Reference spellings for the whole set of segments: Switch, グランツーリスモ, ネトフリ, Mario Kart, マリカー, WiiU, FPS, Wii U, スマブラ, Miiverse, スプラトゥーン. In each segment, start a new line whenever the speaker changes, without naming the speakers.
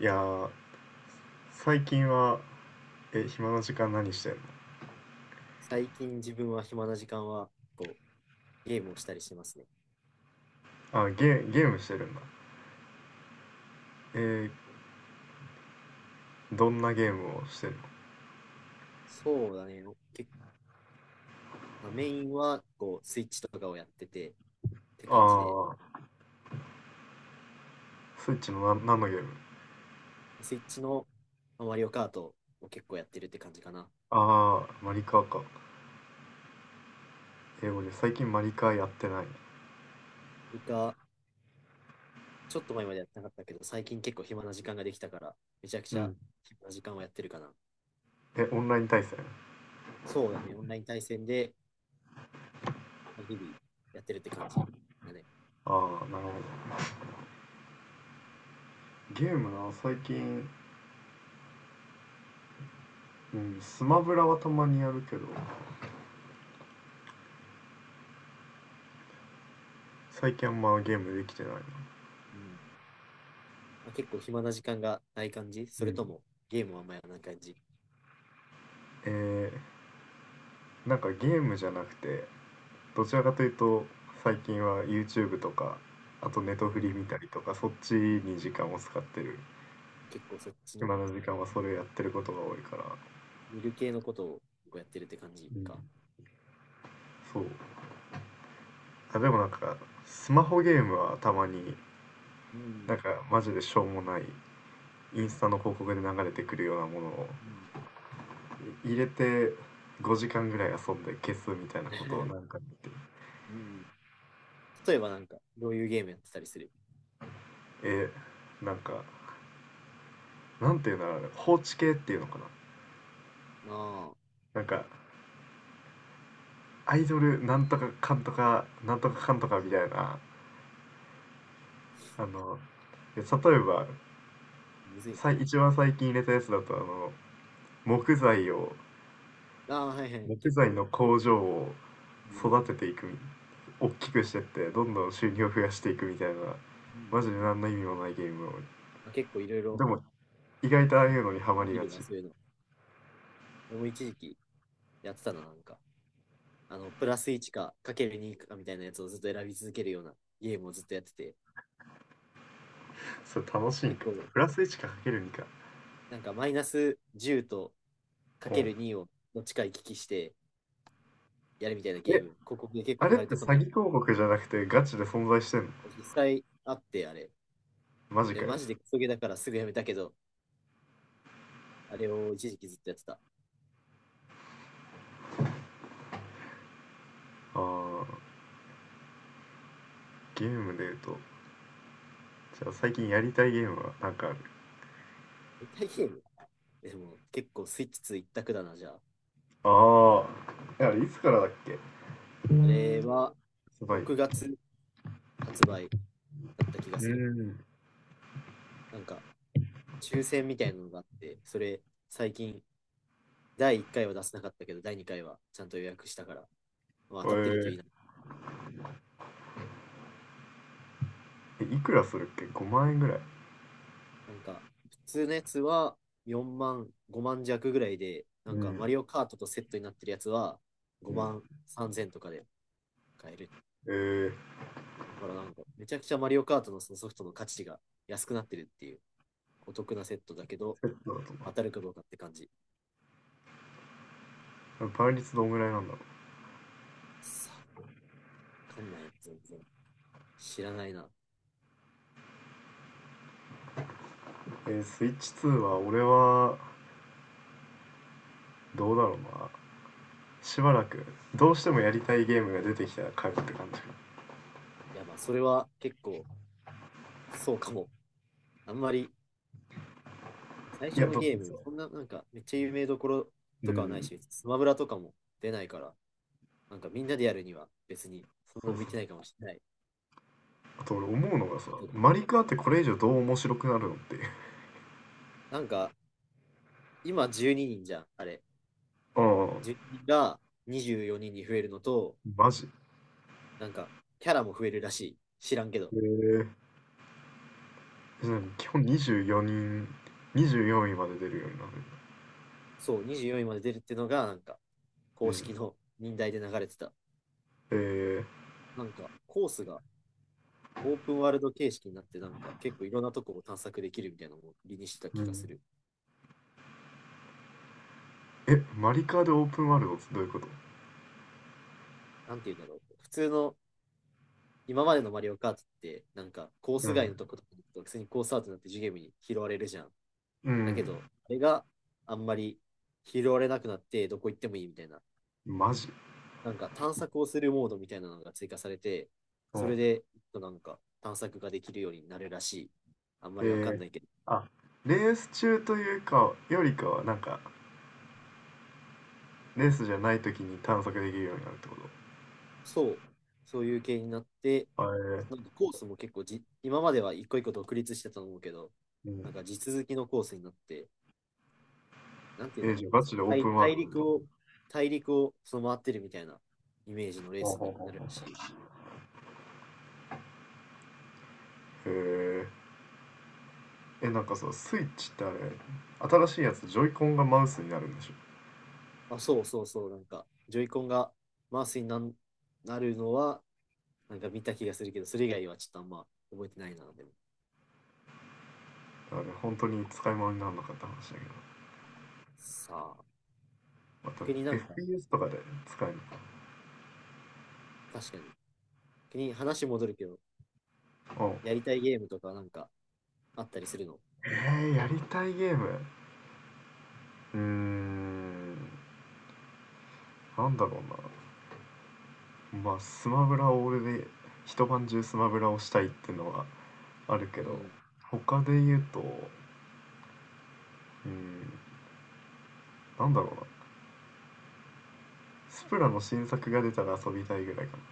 いやー、最近は、暇な時間何してる
最近自分は暇な時間はこうゲームをしたりしますね。
の？あ、ゲームしてるんだ。えー、どんなゲームをしてる
そうだね。結まあ、メインはこうスイッチとかをやっててって感じで、
の？ああー、スイッチのな、何のゲーム？
スイッチのまあマリオカートを結構やってるって感じかな。
ああー、マリカーか。俺最近マリカーやってない。
リカ、ちょっと前までやってなかったけど、最近結構暇な時間ができたから、めちゃく
う
ちゃ
ん。
暇な時間をやってるかな。
オンライン対戦？
そうだね。オンライン対戦でまあ日々やってるって感じだね。
ああー、なるほど。ゲームな、最近、うん、スマブラはたまにやるけど、最近あんまゲームできてないな。
うん。まあ、結構暇な時間がない感じ、そ
う
れ
ん。
ともゲームはあんまやらない感じ？
えー、なんかゲームじゃなくて、どちらかというと最近は YouTube とかあとネト
う
フリ
ん。
見たりとかそっち
うん、
に時間を使ってる。
結構そっち
暇
の
な時間はそれやってることが多いから。
見る系のことをやってるって感じ
うん、
か。
そう。あ、でもなんかスマホゲームはたまに、
う
な
ん。
んかマジでしょうもないインスタの広告で流れてくるようなものを
うん。
入れて5時間ぐらい遊んで消すみたいなことをなん か見て。
うん、例えばなんか、どういうゲームやってたりする？
えなんか、なんていうんだろう、あれ放置系っていうのかな。
ああ、
なんかアイドルなんとかかんとかなんとかかんとかみたいな、あの、例えば
むずい
一番最近入れたやつだとあの、木材を、
な。ああ、はいはい。
木
結
材
構、
の工場を
うん。
育てていく、大きくしてってどんどん収入を増やしていくみたいな、
うん。
マジで何の意味もないゲームを、
まあ、結構いろい
で
ろ
も意外とああいうのにハマり
見
が
る
ち。
わ、そういうの。俺も一時期やってたな、なんか。あの、プラス1か、かける2かみたいなやつをずっと選び続けるようなゲームをずっとやってて、
それ楽しい
結
んか？
構、
プラス1かかける2か？
なんかマイナス10とか
お
け
う。
る2をどっちか行き来してやるみたいなゲー
え
ム、広告で結構
あ
流
れっ
れ
て
てこ
詐
ない？
欺広告じゃなくてガチで存在してんの？
実際あって、あれ。
マジ
で
か
マ
よ。
ジでクソゲーだからすぐやめたけど、あれを一時期ずっとやってた。
ああー、ゲームで言うと、じゃあ最近やりたいゲームはなんかある？
携帯ゲームでも結構スイッチ2一択だな、じゃあ。
ああ。あれいつからだっけ？
あれは
サバイ
6
ブ。
月発売だった気が
う
する。
ん。
なんか抽選みたいなのがあって、それ最近第1回は出せなかったけど、第2回はちゃんと予約したから、まあ、
え
当たってるとい
ー
いな。
えいくらするっけ？ 5 万円ぐらい。
なんか普通のやつは4万、5万弱ぐらいで、な
う
んかマ
ん。
リオカートとセットになってるやつは
う
5
ん、
万3000とかで買える。
えー、
だからなんか、めちゃくちゃマリオカートのそのソフトの価値が安くなってるっていう、お得なセットだけど、
セットだと
当たるかどうかって感じ。
な。倍率どんぐらいなんだろ
さあ、わかんない、全然。知らないな。
う。スイッチ2は俺はどうだろうな。しばらくどうしてもやりたいゲームが出てきたら買うって感じ。
いや、まあ、それは結構、そうかも。あんまり、最
い
初
や、
の
だっ
ゲー
てさ。
ム、そんな、なんか、めっちゃ有名どころ
う
とかはない
ん。
し、スマブラとかも出ないから、なんかみんなでやるには別に、そん
そ
な
うそ
向いて
う。
ないかもしれない。
あと俺思うのがさ、マリカーってこれ以上どう面白くなるのっていう。
なんか、今12人じゃん、あれ。
う
12人が24人にんに増えるのと、
ん。マジ？
なんか、キャラも増えるらしい。知らんけど。
へえ。うん、基本24人、24位まで出るようになる、
そう、24位まで出るってのが、なんか、
う
公式
ん、
の任代で流れてた。
えー、
なんか、コースがオープンワールド形式になって、なんか、結構いろんなとこを探索できるみたいなのを売りにしてた
う
気がす
ん、
る。
マリカーでオープンワールドってどういうこと？
なんて言うんだろう。普通の、今までのマリオカートって、なんか、コー
う
ス外
ん、
のとことかに行くと、普通にコースアウトになってジュゲームに拾われるじゃん。
う
だけ
ん、
ど、あれがあんまり拾われなくなって、どこ行ってもいいみたいな、
マジ？
なんか探索をするモードみたいなのが追加されて、
う
そ
ん。
れでなんか探索ができるようになるらしい。あんま
え
りわかん
ー、
ないけど。
あ、レース中というかよりかはなんか、レースじゃない時に探索できるようになるってこと？
そう、そういう系になって、
あ、え
あ、なん
ー、
かコースも結構、今までは一個一個独立してたと思うけど、
う
な
ん、
んか地続きのコースになって、なんて言
え
うんだ
ー、
ろ
じゃ
うな、
あガ
そ
チ
の
でオープンワールドみたいな、
大陸をその回ってるみたいなイメージのレー
ほう
ス
ほ
に
うほう
なるら
ほ
しい。
う、へえー、なんかさ、スイッチってあれ、新しいやつジョイコンがマウスになるんでし
あ、そうそうそう、なんか、ジョイコンがマウスになるのは、なんか見た気がするけど、それ以外はちょっとあんま覚えてないな、でも。
ょ？あれ本当に使い物にならなかった話だけど、
さあ、
また
逆になんか、
FPS とかで使えるのか
確かに、逆に話戻るけど、
な。お。
やりたいゲームとかなんかあったりするの？
えー、やりたいゲーム。うーん、なんだろうな。まあ、スマブラを俺で一晩中スマブラをしたいっていうのはあるけ
う
ど、
ん。
他で言うと、うーん、なんだろうな。スプラの新作が出たら遊びたいぐらいかな。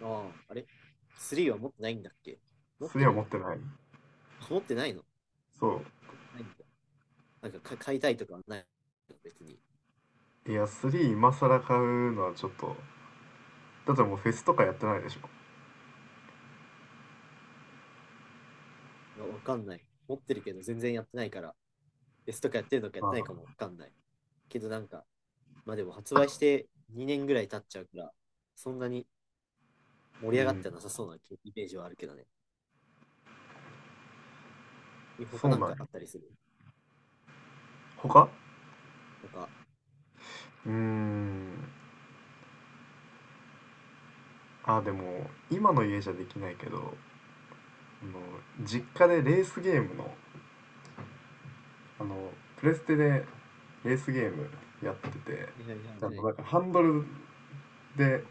ああ、あれ？ 3 は持ってないんだっけ？持っ
スリ
て
ーは持
る？
ってない。
あ、持ってないの？
そ
ないんだ。なんか買いたいとかはないの、別に？
う。いや、3今更買うのはちょっと、だってもうフェスとかやってないでしょ。
わかんない。持ってるけど全然やってないから、S とかやってるのかやっ
あ
てないか
あ、
もわかんない。けどなんか、まあでも発売して2年ぐらい経っちゃうから、そんなに盛り
う
上がっ
ん、
てなさそうなイメージはあるけどね。
そ
他
う
なん
なんよ。
かあったりする？
他、
他は？
うーん。あ、でも、今の家じゃできないけど、あの、実家でレースゲームの、あの、プレステでレースゲームやってて、
いはいはい
あ
は
の、
い。
なんかで、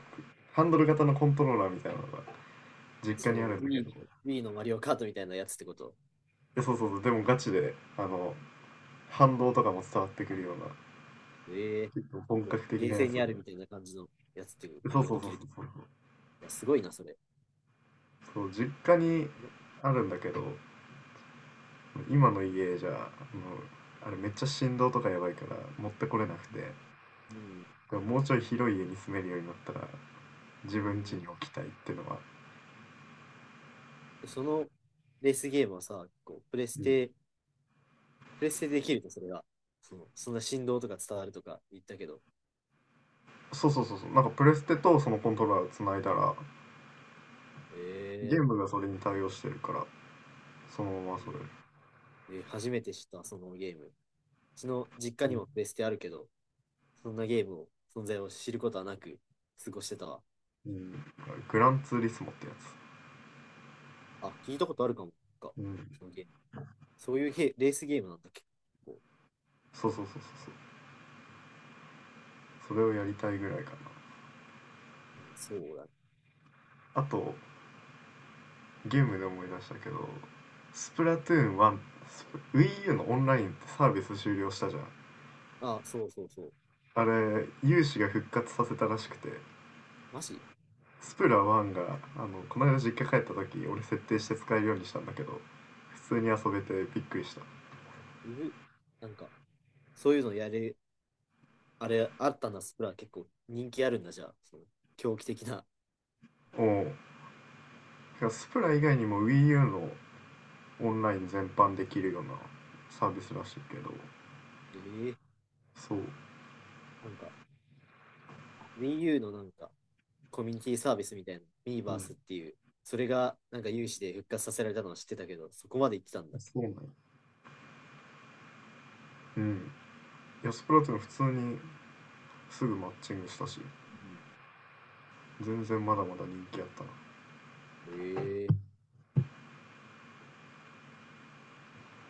ハンドル型のコントローラーみたいなのが実
そ
家にあ
の、
るんだけど、
ウィニーのマリオカートみたいなやつってこと？
そうそうそう、でもガチで、あの、反動とかも伝わってくるような、
ええ、
結構本
こ
格
う、ゲ
的
ー
なや
セン
つ
にあ
で、
るみたいな感じのやつっていう
そ
の
う
が
そ
で
うそ
き
う
る？い
そうそう、
や、すごいな、それ。
そう、実家に
うん、
あるんだけど、今の家じゃ、あの、あれめっちゃ振動とかやばいから持ってこれなくて、
うん、
もうちょい広い家に住めるようになったら
う
自分家
ん。
に置きたいっていうのは、
え、そのレースゲームはさ、こう、
うん、
プレステでできると、それが？その、そんな振動とか伝わるとか言ったけど。
そうそうそうそう、なんかプレステとそのコントローラーをつないだらゲー
ええ。
ムがそれに対応してるからそのままそれ、
えー、初めて知った、そのゲーム。ちの実家
う
に
ん
もベステあるけど、そんなゲームを、存在を知ることはなく過ごしてたわ。
うん、グランツーリスモってやつ、
あ、聞いたことあるかもか。
うん、
そのゲーム。そういうヘレースゲームなんだっけ？
そうそうそうそうそう、それをやりたいぐらいか
うん、そうだ。
な。あとゲームで思い出したけど、スプラトゥーン1、WiiU のオンラインってサービス終了したじゃん。
あ、そうそうそう。
あれ有志が復活させたらしくて、
マジ？
スプラ1があのこの間実家帰った時俺設定して使えるようにしたんだけど普通に遊べてびっくりした。
うぐ、なんか、そういうのやれ、あれ、あったな。スプラ結構人気あるんだ、じゃあ。その狂気的な。
お、おスプラ以外にも WiiU のオンライン全般できるようなサービスらしいけど、
えー、
そう、
なんか、Wii U のなんか、コミュニティサービスみたいな、ミー
う
バース
ん、
っていう、それがなんか有志で復活させられたのは知ってたけど、そこまで行ってたんだっけ？
そうなんや、うん、いやスプラトゥーン普通にすぐマッチングしたし全然まだまだ人気あったな。
ええー。